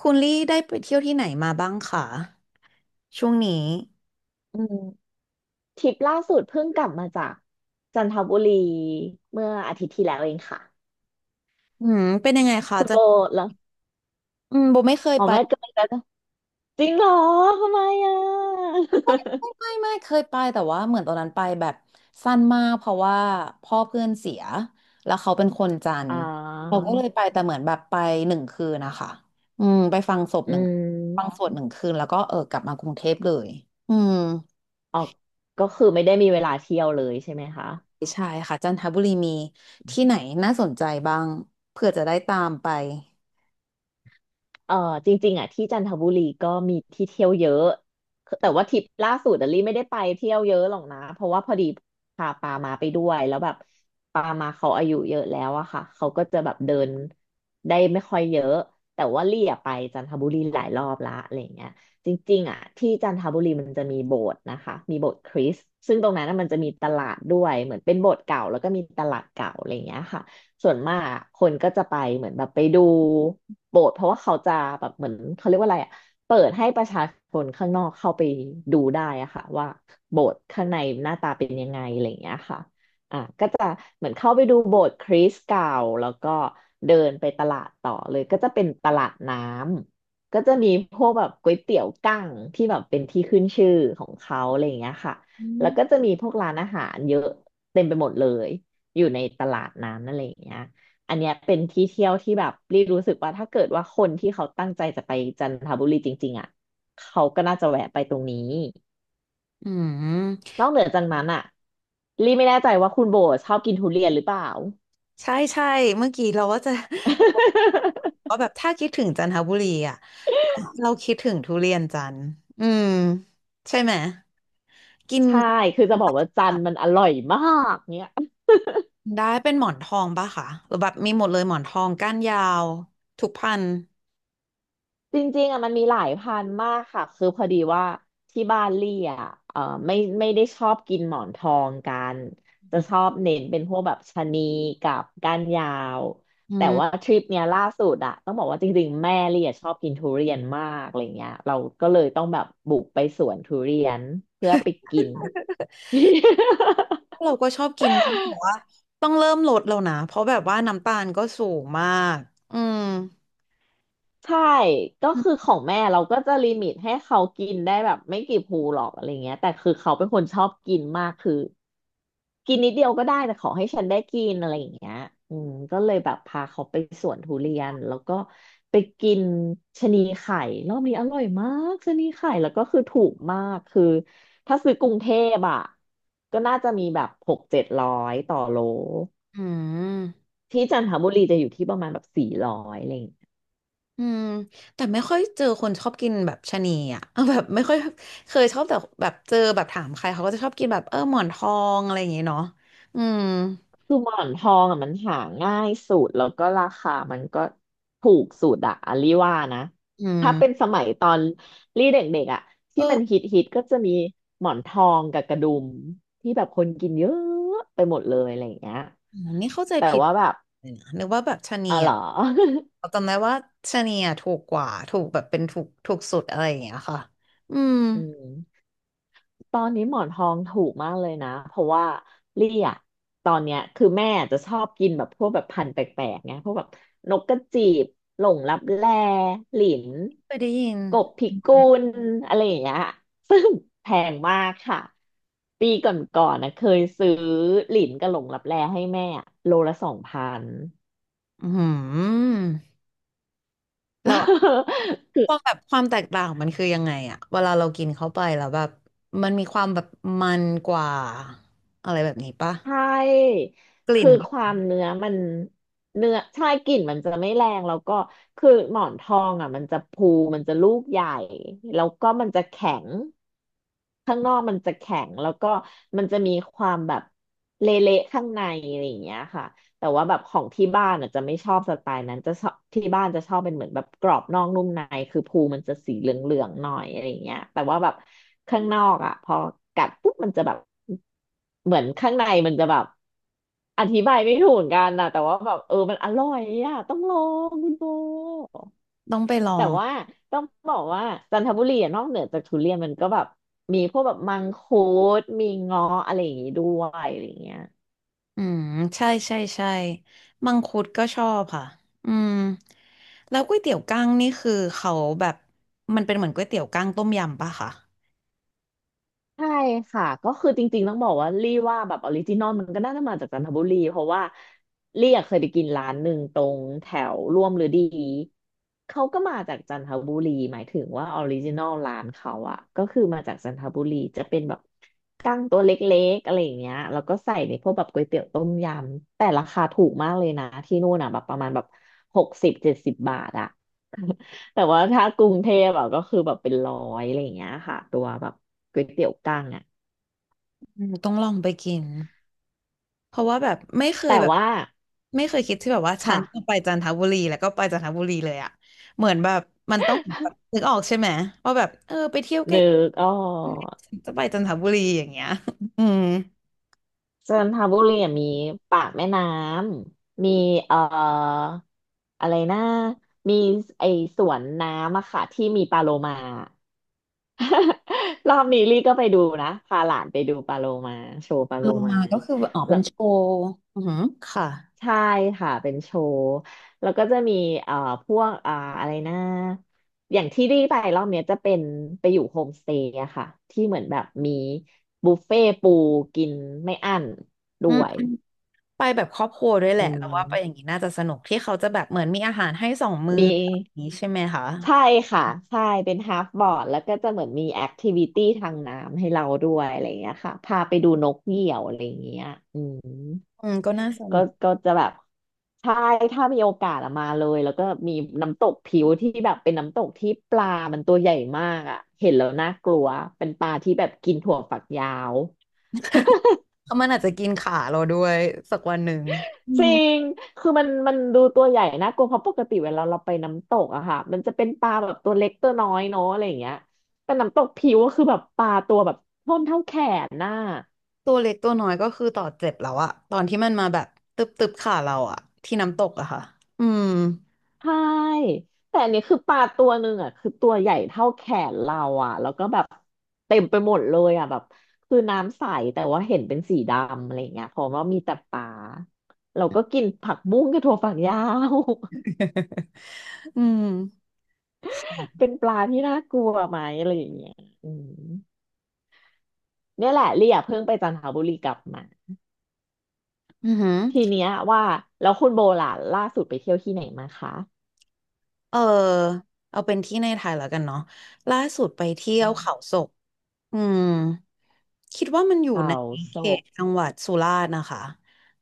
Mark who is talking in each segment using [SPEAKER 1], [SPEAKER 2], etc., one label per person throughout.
[SPEAKER 1] คุณลี่ได้ไปเที่ยวที่ไหนมาบ้างคะช่วงนี้
[SPEAKER 2] อืมทริปล่าสุดเพิ่งกลับมาจากจันทบุรีเมื่ออาทิตย์ที่แล้วเองค่ะ
[SPEAKER 1] อืมเป็นยังไงคะ
[SPEAKER 2] คุณ
[SPEAKER 1] จะ
[SPEAKER 2] โบแล้ว
[SPEAKER 1] อืมโบไม่เคย
[SPEAKER 2] อ๋อ
[SPEAKER 1] ไป
[SPEAKER 2] ไม่เกินแล้วจริงเหรอทำไมอ่ะ
[SPEAKER 1] ไม่เคยไปแต่ว่าเหมือนตอนนั้นไปแบบสั้นมากเพราะว่าพ่อเพื่อนเสียแล้วเขาเป็นคนจัน ท
[SPEAKER 2] อ่
[SPEAKER 1] ร์เรา
[SPEAKER 2] า
[SPEAKER 1] ก็เลยไปแต่เหมือนแบบไปหนึ่งคืนนะคะอืมไปฟังศพ
[SPEAKER 2] อื
[SPEAKER 1] หนึ่งฟังส
[SPEAKER 2] ม
[SPEAKER 1] วดหนึ่งคืนแล้วก็เออกลับมากรุงเทพเลยอืม
[SPEAKER 2] ออกก็คือไม่ได้มีเวลาเที่ยวเลยใช่ไหมคะ
[SPEAKER 1] ใช่ค่ะจันทบุรีมีที่ไหนน่าสนใจบ้างเผื่อจะได้ตามไป
[SPEAKER 2] เออจริงๆอ่ะที่จันทบุรีก็มีที่เที่ยวเยอะแต่ว่าทริปล่าสุดอะลี่ไม่ได้ไปเที่ยวเยอะหรอกนะเพราะว่าพอดีพาปามาไปด้วยแล้วแบบปามาเขาอายุเยอะแล้วอะค่ะเขาก็จะแบบเดินได้ไม่ค่อยเยอะแต่ว่าลี่อะไปจันทบุรีหลายรอบละอะไรอย่างเงี้ยจริงๆอ่ะที่จันทบุรีมันจะมีโบสถ์นะคะมีโบสถ์คริสต์ซึ่งตรงนั้นน่ะมันจะมีตลาดด้วยเหมือนเป็นโบสถ์เก่าแล้วก็มีตลาดเก่าอะไรอย่างเงี้ยค่ะ ส่วนมากอะคนก็จะไปเหมือนแบบไปดูโบสถ์เพราะว่าเขาจะแบบเหมือนเขาเรียกว่าอะไรอะเปิดให้ประชาชนข้างนอกเข้าไปดูได้อะค่ะว่าโบสถ์ข้างในหน้าตาเป็นยังไงอะไรอย่างเงี้ยค่ะอ่ะก็จะเหมือนเข้าไปดูโบสถ์คริสต์เก่าแล้วก็เดินไปตลาดต่อเลยก็จะเป็นตลาดน้ำก็จะมีพวกแบบก๋วยเตี๋ยวกั้งที่แบบเป็นที่ขึ้นชื่อของเขาอะไรอย่างเงี้ยค่ะ
[SPEAKER 1] อื
[SPEAKER 2] แล้วก็จะ
[SPEAKER 1] ม
[SPEAKER 2] มีพวกร้านอาหารเยอะเต็มไปหมดเลย อยู่ในตลาดน้ำนั่นอะไรอย่างเงี้ยอันเนี้ยเป็นที่เที่ยวที่แบบรีรู้สึกว่าถ้าเกิดว่าคนที่เขาตั้งใจจะไปจันทบุรีจริงๆอ่ะเขาก็น่าจะแวะไปตรงนี้
[SPEAKER 1] อืม
[SPEAKER 2] นอกเหนือจากนั้นอ่ะรีไม่แน่ใจว่าคุณโบชอบกินทุเรียนหรือเปล่า
[SPEAKER 1] ใช่ใช่เมื่อกี้เราว่าจะ ก็ แบบถ้าคิดถึงจันทบุรีอ่ะเราคิดถึงทุเรียนจันทร์อืมใช่ไหมกิน
[SPEAKER 2] ใช่คือจะบอกว่าจันทร์มันอร่อยมากเนี่ย
[SPEAKER 1] ได้เป็นหมอนทองปะคะหรือแบบมีหมดเลยหมอนทองก้านยาวทุกพันธุ์
[SPEAKER 2] จริงๆอ่ะมันมีหลายพันธุ์มากค่ะคือพอดีว่าที่บ้านลี่อ่ะเออไม่ไม่ได้ชอบกินหมอนทองกันจะชอบเน้นเป็นพวกแบบชะนีกับก้านยาว
[SPEAKER 1] อื
[SPEAKER 2] แต่
[SPEAKER 1] ม
[SPEAKER 2] ว่าทริปเนี้ยล่าสุดอ่ะต้องบอกว่าจริงๆแม่ลี่อ่ะชอบกินทุเรียนมากอะไรเงี้ยเราก็เลยต้องแบบบุกไปสวนทุเรียนเพื่อไปกิน
[SPEAKER 1] เราก็ชอบกินแต่ว่าต้องเริ่มลดแล้วนะเพราะแบบว่าน้ำตาลก็สูงมากอืม
[SPEAKER 2] ใช่ก็คือของแม่เราก็จะลิมิตให้เขากินได้แบบไม่กี่ภูหรอกอะไรเงี้ยแต่คือเขาเป็นคนชอบกินมากคือ กินนิดเดียวก็ได้แต่ขอให้ฉันได้กินอะไรอย่างเงี้ยอืมก็เลยแบบพาเขาไปสวนทุเรียนแล้วก็ไปกินชะนีไข่รอบนี้อร่อยมากชะนีไข่แล้วก็คือถูกมากคือถ้าซื้อกรุงเทพอ่ะก็น่าจะมีแบบ600-700ต่อโล
[SPEAKER 1] อืม
[SPEAKER 2] ที่จันทบุรีจะอยู่ที่ประมาณแบบ400อะไรอย่างเงี้ย
[SPEAKER 1] อืมแต่ไม่ค่อยเจอคนชอบกินแบบชะนีอ่ะ เออแบบไม่ค่อยเคยชอบแต่แบบเจอแบบถามใครเขาก็จะชอบกินแบบเออหมอนทองอะไรอย่างเงี้ยเนาะอืม
[SPEAKER 2] คือหมอนทองอ่ะมันหาง่ายสุดแล้วก็ราคามันก็ถูกสุดอะอลลี่ว่านะ
[SPEAKER 1] อื
[SPEAKER 2] ถ้าเป็น
[SPEAKER 1] ม
[SPEAKER 2] สมัยตอนลี่เด็กๆอะ
[SPEAKER 1] เอ
[SPEAKER 2] ที่
[SPEAKER 1] อ
[SPEAKER 2] มันฮิตฮิตก็จะมีหมอนทองกับกระดุมที่แบบคนกินเยอะไปหมดเลยอะไรอย่างเงี้ย
[SPEAKER 1] อ๋อนี่เข้าใจ
[SPEAKER 2] แต่
[SPEAKER 1] ผิด
[SPEAKER 2] ว่าแบบ
[SPEAKER 1] เลยนะนึกว่าแบบชะนี
[SPEAKER 2] อ๋อเหร
[SPEAKER 1] อ่ะ
[SPEAKER 2] อ
[SPEAKER 1] เราจำได้ว่าชะนีอ่ะถูกกว่าถูกแบบเป็นถูกถูกสุดอะไรอย่างเงี้ยค่ะอืม
[SPEAKER 2] อืม ตอนนี้หมอนทองถูกมากเลยนะเพราะว่าลี่อะตอนเนี้ยคือแม่จะชอบกินแบบพวกแบบพันธุ์แปลกๆไงพวกแบบนกกระจีบหลงลับแลหลิน
[SPEAKER 1] เคยได้ยิน
[SPEAKER 2] กบพิกุลอะไรอย่างเงี้ยซึ่งแพงมากค่ะปีก่อนๆนะเคยซื้อหลินกับหลงลับแลให้แม่อะโลละ2,000
[SPEAKER 1] อืม เรา
[SPEAKER 2] คื
[SPEAKER 1] ค
[SPEAKER 2] อ
[SPEAKER 1] วามแบบความแตกต่างมันคือยังไงอะเวลาเรากินเข้าไปแล้วแบบมันมีความแบบมันกว่าอะไรแบบนี้ปะ
[SPEAKER 2] ใช่
[SPEAKER 1] กลิ่
[SPEAKER 2] คื
[SPEAKER 1] น
[SPEAKER 2] อความเนื้อมันเนื้อใช่กลิ่นมันจะไม่แรงแล้วก็คือหมอนทองอ่ะมันจะพูมันจะลูกใหญ่แล้วก็มันจะแข็งข้างนอกมันจะแข็งแล้วก็มันจะมีความแบบเละๆข้างในอะไรอย่างเงี้ยค่ะ แต่ว่าแบบของที่บ้านอ่ะจะไม่ชอบสไตล์นั้นจะชอบที่บ้านจะชอบเป็นเหมือนแบบกรอบนอกนุ่มในคือภูมันจะสีเหลืองๆหน่อยอะไรอย่างเงี้ยแต่ว่าแบบข้างนอกอ่ะพอกัดปุ๊บมันจะแบบเหมือนข้างในมันจะแบบอธิบายไม่ถูกเหมือนกันนะแต่ว่าแบบเออมันอร่อยอ่ะต้องลองคุณโบ
[SPEAKER 1] ต้องไปลอ
[SPEAKER 2] แต่
[SPEAKER 1] ง
[SPEAKER 2] ว่าต้องบอกว่าจันทบุรีอะนอกเหนือจากทุเรียนมันก็แบบมีพวกแบบมังคุดมีเงาะอะไรอย่างงี้ด้วยอะไรอย่างเงี้ย
[SPEAKER 1] อืมใช่ใช่ใช่มังคุดก็ชอบค่ะอืมแล้วก๋วยเตี๋ยวกั้งนี่คือเขาแบบมันเป็นเหมือนก๋วยเตี๋ยวกั้งต้มยำปะคะ
[SPEAKER 2] ใช่ค่ะก็คือจริงๆต้องบอกว่าลี่ว่าแบบออริจินอลมันก็น่าจะมาจากจันทบุรีเพราะว่าลี่อะเคยไปกินร้านหนึ่งตรงแถวร่วมฤดีเขาก็มาจากจันทบุรีหมายถึงว่าออริจินอลร้านเขาอะก็คือมาจากจันทบุรีจะเป็นแบบกั้งตัวเล็กๆอะไรอย่างเงี้ยแล้วก็ใส่ในพวกแบบก๋วยเตี๋ยวต้มยำแต่ราคาถูกมากเลยนะที่นู่นอะแบบประมาณแบบ60-70 บาทอะ แต่ว่าถ้ากรุงเทพอะก็คือแบบเป็นร้อยอะไรอย่างเงี้ยค่ะตัวแบบก๋วยเตี๋ยวกั้งอะ
[SPEAKER 1] อืมต้องลองไปกิน เพราะว่าแบบไม่เคย
[SPEAKER 2] แต่
[SPEAKER 1] แบบ
[SPEAKER 2] ว่า
[SPEAKER 1] ไม่เคยคิดที่แบบว่าฉั
[SPEAKER 2] ค่ะ
[SPEAKER 1] นจะไปจันทบุรีแล้วก็ไปจันทบุรีเลยอะเหมือนแบบมันต้องแบบนึกออกใช่ไหมว่าแบบเออไปเที่ยวใก ล้
[SPEAKER 2] นึกอ๋อก
[SPEAKER 1] ๆจะไปจันทบุรีอย่างเงี้ย อืม
[SPEAKER 2] จันทบุรีอะมีปากแม่น้ำมีเอ่ออะไรนะมีไอสวนน้ำอะค่ะที่มีปลาโลมา รอบนี้ลี่ก็ไปดูนะพาหลานไปดูปลาโลมาโชว์ปลาโล
[SPEAKER 1] ลง
[SPEAKER 2] มา
[SPEAKER 1] มาก็คือออกเป็นโชว์อือหือค่ะ
[SPEAKER 2] ใช่ค่ะเป็นโชว์แล้วก็จะมีเอ่อพวกอะไรนะอย่างที่รีไปรอบเนี้ยจะเป็นไปอยู่โฮมสเตย์อะค่ะที่เหมือนแบบมีบุฟเฟ่ต์ปูกินไม่อั้นด้
[SPEAKER 1] อืม
[SPEAKER 2] วย
[SPEAKER 1] ไปแบบครอบครัวด้วยแห
[SPEAKER 2] อื
[SPEAKER 1] ละแล้วว่าไปอย่าง
[SPEAKER 2] ม
[SPEAKER 1] นี้น่าจะสนุกที่เขาจะแบบเหมือนมีอาหารให้2 มื้อ
[SPEAKER 2] มี
[SPEAKER 1] อย่างนี้ใช่ไหมคะ
[SPEAKER 2] ใช่ค่ะใช่เป็นฮาฟบอร์ดแล้วก็จะเหมือนมีแอคทิวิตี้ทางน้ำให้เราด้วยอะไรอย่างเงี้ยค่ะพาไปดูนกเหยี่ยวอะไรอย่างเงี้ยอืม
[SPEAKER 1] อืมก็น่าส
[SPEAKER 2] ก็
[SPEAKER 1] นุก
[SPEAKER 2] ก็จะแบบใช่ถ้ามีโอกาสอะมาเลยแล้วก็มีน้ำตกผิวที่แบบเป็นน้ำตกที่ปลามันตัวใหญ่มากอะเห็นแล้วน่ากลัวเป็นปลาที่แบบกินถั่วฝักยาว
[SPEAKER 1] เพราะมันอาจจะกินขาเราด้วยสักวันหนึ่งอื
[SPEAKER 2] จ
[SPEAKER 1] ม
[SPEAKER 2] ริงคือมันดูตัวใหญ่นะกลัวเพราะปกติเวลาเราไปน้ำตกอะค่ะมันจะเป็นปลาแบบตัวเล็กตัวน้อยเนาะอะไรอย่างเงี้ยแต่น้ำตกผิวก็คือแบบปลาตัวแบบท่อนเท่าแขนน่ะ
[SPEAKER 1] ตัวเล็กตัวน้อยก็คือต่อเจ็บแล้วอะตอนที่มันมาแบบตึบตึบขาเราอะที่น้ำตกอะค่ะอืม
[SPEAKER 2] ใช่แต่อันนี้คือปลาตัวหนึ่งอ่ะคือตัวใหญ่เท่าแขนเราอ่ะแล้วก็แบบเต็มไปหมดเลยอ่ะแบบคือน้ำใสแต่ว่าเห็นเป็นสีดำอะไรเงี้ยเพราะว่ามีแต่ปลาเราก็กินผักบุ้งกับถั่วฝักยาว
[SPEAKER 1] อืม
[SPEAKER 2] เป็นปลาที่น่ากลัวไหมอะไรอย่างเงี้ยอืมเนี่ยแหละเรียเพิ่งไปจันทบุรีกลับมา
[SPEAKER 1] อือหือ
[SPEAKER 2] ทีเนี้ยว่าแล้วคุณโบล่ะล่าสุดไปเที่ยวที่ไหนมาคะ
[SPEAKER 1] เออเอาเป็นที่ในไทยแล้วกันเนาะล่าสุดไปเที่ยว
[SPEAKER 2] อืม
[SPEAKER 1] เขาศกอืมคิดว่ามันอยู่
[SPEAKER 2] เขา
[SPEAKER 1] ใน
[SPEAKER 2] โศ
[SPEAKER 1] เข
[SPEAKER 2] ก
[SPEAKER 1] ตจังหวัดสุราษฎร์นะคะ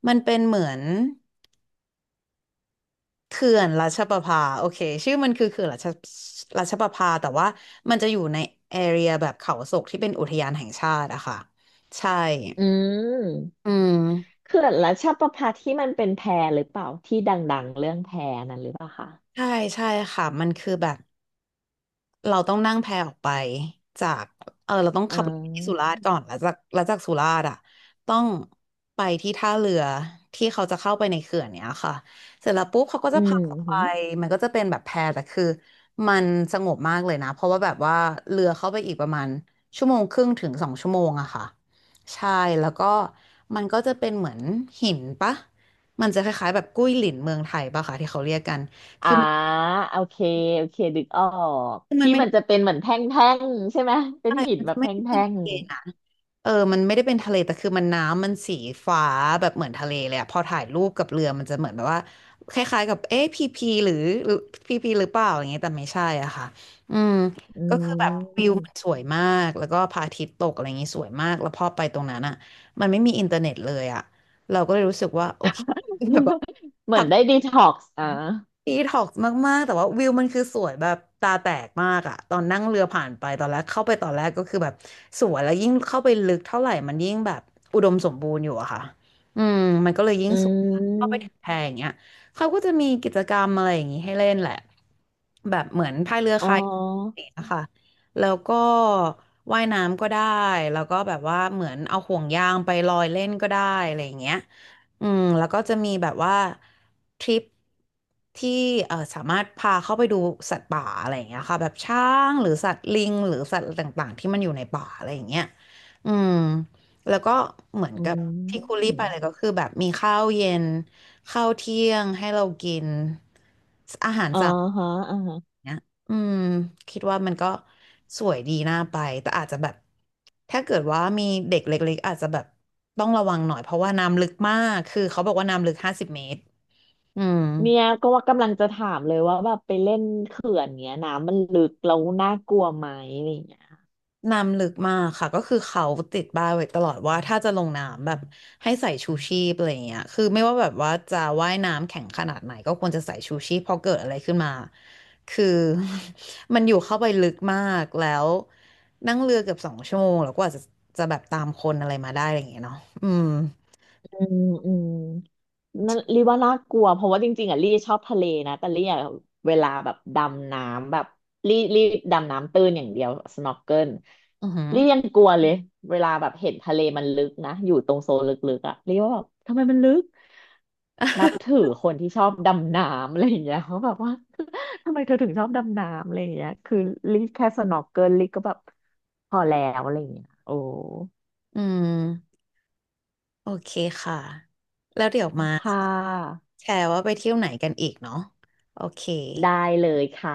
[SPEAKER 1] มันเป็นเหมือนเขื่อนราชประภาโอเคชื่อมันคือเขื่อนราชประภาแต่ว่ามันจะอยู่ในแอเรียแบบเขาศกที่เป็นอุทยานแห่งชาติอะค่ะใช่
[SPEAKER 2] อืม
[SPEAKER 1] อืม
[SPEAKER 2] เขื่อนรัชประภาที่มันเป็นแพหรือเปล่าที่ดังๆเรื่องแพนั้นหรือเปล่าคะ
[SPEAKER 1] ใช่ใช่ค่ะมันคือแบบเราต้องนั่งแพออกไปจากเออเราต้อง
[SPEAKER 2] อื
[SPEAKER 1] ขับรถไปที่สุรา
[SPEAKER 2] ม
[SPEAKER 1] ษฎร์ก่อนแล้วจากสุราษฎร์อ่ะต้องไปที่ท่าเรือที่เขาจะเข้าไปในเขื่อนเนี้ยค่ะเสร็จแล้วปุ๊บเขาก็
[SPEAKER 2] อื
[SPEAKER 1] จะพา
[SPEAKER 2] ม
[SPEAKER 1] เราไป
[SPEAKER 2] หืม
[SPEAKER 1] มันก็จะเป็นแบบแพแต่คือมันสงบมากเลยนะเพราะว่าแบบว่าเรือเข้าไปอีกประมาณ1.5 ถึง 2 ชั่วโมงอะค่ะใช่แล้วก็มันก็จะเป็นเหมือนหินปะมันจะคล้ายๆแบบกุ้ยหลินเมืองไทยปะค่ะที่เขาเรียกกัน
[SPEAKER 2] อ่าโอเคโอเคดึกออก
[SPEAKER 1] คือมัน
[SPEAKER 2] ที่
[SPEAKER 1] ไม่
[SPEAKER 2] มั
[SPEAKER 1] ได้
[SPEAKER 2] นจะเป็นเหมือนแท่งๆใช่ไหมเป็น
[SPEAKER 1] ใช่
[SPEAKER 2] หิน
[SPEAKER 1] มัน
[SPEAKER 2] แบบ
[SPEAKER 1] ไม่
[SPEAKER 2] แท
[SPEAKER 1] ได้เป็น
[SPEAKER 2] ่ง
[SPEAKER 1] ทะเลนะเออมันไม่ได้เป็นทะเลแต่คือมันน้ำมันสีฟ้าแบบเหมือนทะเลเลยอะพอถ่ายรูปกับเรือมันจะเหมือนแบบว่าคล้ายๆกับเอ๊ะพีพีหรือพีพีหรือเปล่าอย่างเงี้ยแต่ไม่ใช่อ่ะค่ะอืม
[SPEAKER 2] ๆอื
[SPEAKER 1] ก็คือแบบวิว
[SPEAKER 2] ม
[SPEAKER 1] มันสวยมาก แล้วก็พระอาทิตย์ตกอะไรอย่างงี้สวยมาก แล้วพอไปตรงนั้นอะมันไม่มีอินเทอร์เน็ตเลยอะ แบบว่า
[SPEAKER 2] เหมือนได้ดีท็อกซ์อ่ะ
[SPEAKER 1] ดีท็อกซ์มาก ๆ แต่ว่าวิวมันคือสวยแบบตาแตกมากอะตอนนั่งเรือผ่านไปตอนแรกเข้าไปตอนแรกก็คือแบบสวยแล้วยิ่งเข้าไปลึกเท่าไหร่มันยิ่งแบบอุดมสมบูรณ์อยู่อะค่ะอืมมันก็เลยยิ่ง
[SPEAKER 2] อื
[SPEAKER 1] สวยเข้าไปถึ
[SPEAKER 2] ม
[SPEAKER 1] งแพอย่างเงี้ยเขาก็จะมีกิจกรรมอะไรอย่างงี้ให้เล่นแหละแบบเหมือนพายเรือ
[SPEAKER 2] อ๋
[SPEAKER 1] คายั
[SPEAKER 2] อ
[SPEAKER 1] กนะคะแล้วก็ว่ายน้ำก็ได้แล้วก็แบบว่าเหมือนเอาห่วงยางไปลอยเล่นก็ได้อะไรอย่างเงี้ย อืมแล้วก็จะมีแบบว่าทริปที่สามารถพาเข้าไปดูสัตว์ป่าอะไรอย่างเงี้ยค่ะแบบช้างหรือสัตว์ลิงหรือสัตว์ต่างๆที่มันอยู่ในป่าอะไรอย่างเงี้ยอืมแล้วก็เหมือน
[SPEAKER 2] อื
[SPEAKER 1] กับที่คุรี
[SPEAKER 2] ม
[SPEAKER 1] ไปเลยก็คือแบบมีข้าวเย็นข้าวเที่ยงให้เรากินอาหาร
[SPEAKER 2] อ๋อฮะอ่าฮะ
[SPEAKER 1] เนี้ยอืมคิดว่ามันก็สวยดีน่าไปแต่อาจจะแบบถ้าเกิดว่ามีเด็กเล็กๆอาจจะแบบต้องระวังหน่อยเพราะว่าน้ำลึกมากคือเขาบอกว่าน้ำลึก50 เมตรอืม
[SPEAKER 2] เนี่ยก็ว่ากำลังจะถามเลยว่าแบบไปเล่นเขื่อนเงี้ยน้ำมันลึกแล้วน่ากลัวไหม
[SPEAKER 1] น้ำลึกมากค่ะก็คือเขาติดป้ายไว้ตลอดว่าถ้าจะลงน้ำแบบให้ใส่ชูชีพอะไรอย่างเงี้ยคือไม่ว่าแบบว่าจะว่ายน้ำแข็งขนาดไหนก็ควรจะใส่ชูชีพพอเกิดอะไรขึ้นมาคือ มันอยู่เข้าไปลึกมากแล้วนั่งเรือเกือบสองชั่วโมงแล้วกว่าจะแบบตามคนอะไรมาได้อะไรอย่างเงี้ยเนาะอืม
[SPEAKER 2] อืมอืมนั่นรีว่าน่ากลัวเพราะว่าจริงๆอ่ะลี่ชอบทะเลนะแต่ลี่อะเวลาแบบดำน้ำแบบลี่ดำน้ำตื้นอย่างเดียว snorkel ล
[SPEAKER 1] อือหือ
[SPEAKER 2] ลี่ยังกลัวเลยเวลาแบบเห็นทะเลมันลึกนะอยู่ตรงโซนลึกๆอ่ะลี่ว่าแบบทำไมมันลึกนับถือคนที่ชอบดำน้ำอะไรอย่างเงี้ยเขาแบบว่า ทำไมเธอถึงชอบดำน้ำอะไรอย่างเงี้ยคือลี่แค่ snorkel ลลี่ก็แบบพอแล้วอะไรอย่างเงี้ยโอ้
[SPEAKER 1] อืมโอเคค่ะแล้วเดี๋ยวมา
[SPEAKER 2] ค่ะ
[SPEAKER 1] แชร์ว่าไปเที่ยวไหนกันอีกเนาะโอเค
[SPEAKER 2] ได้เลยค่ะ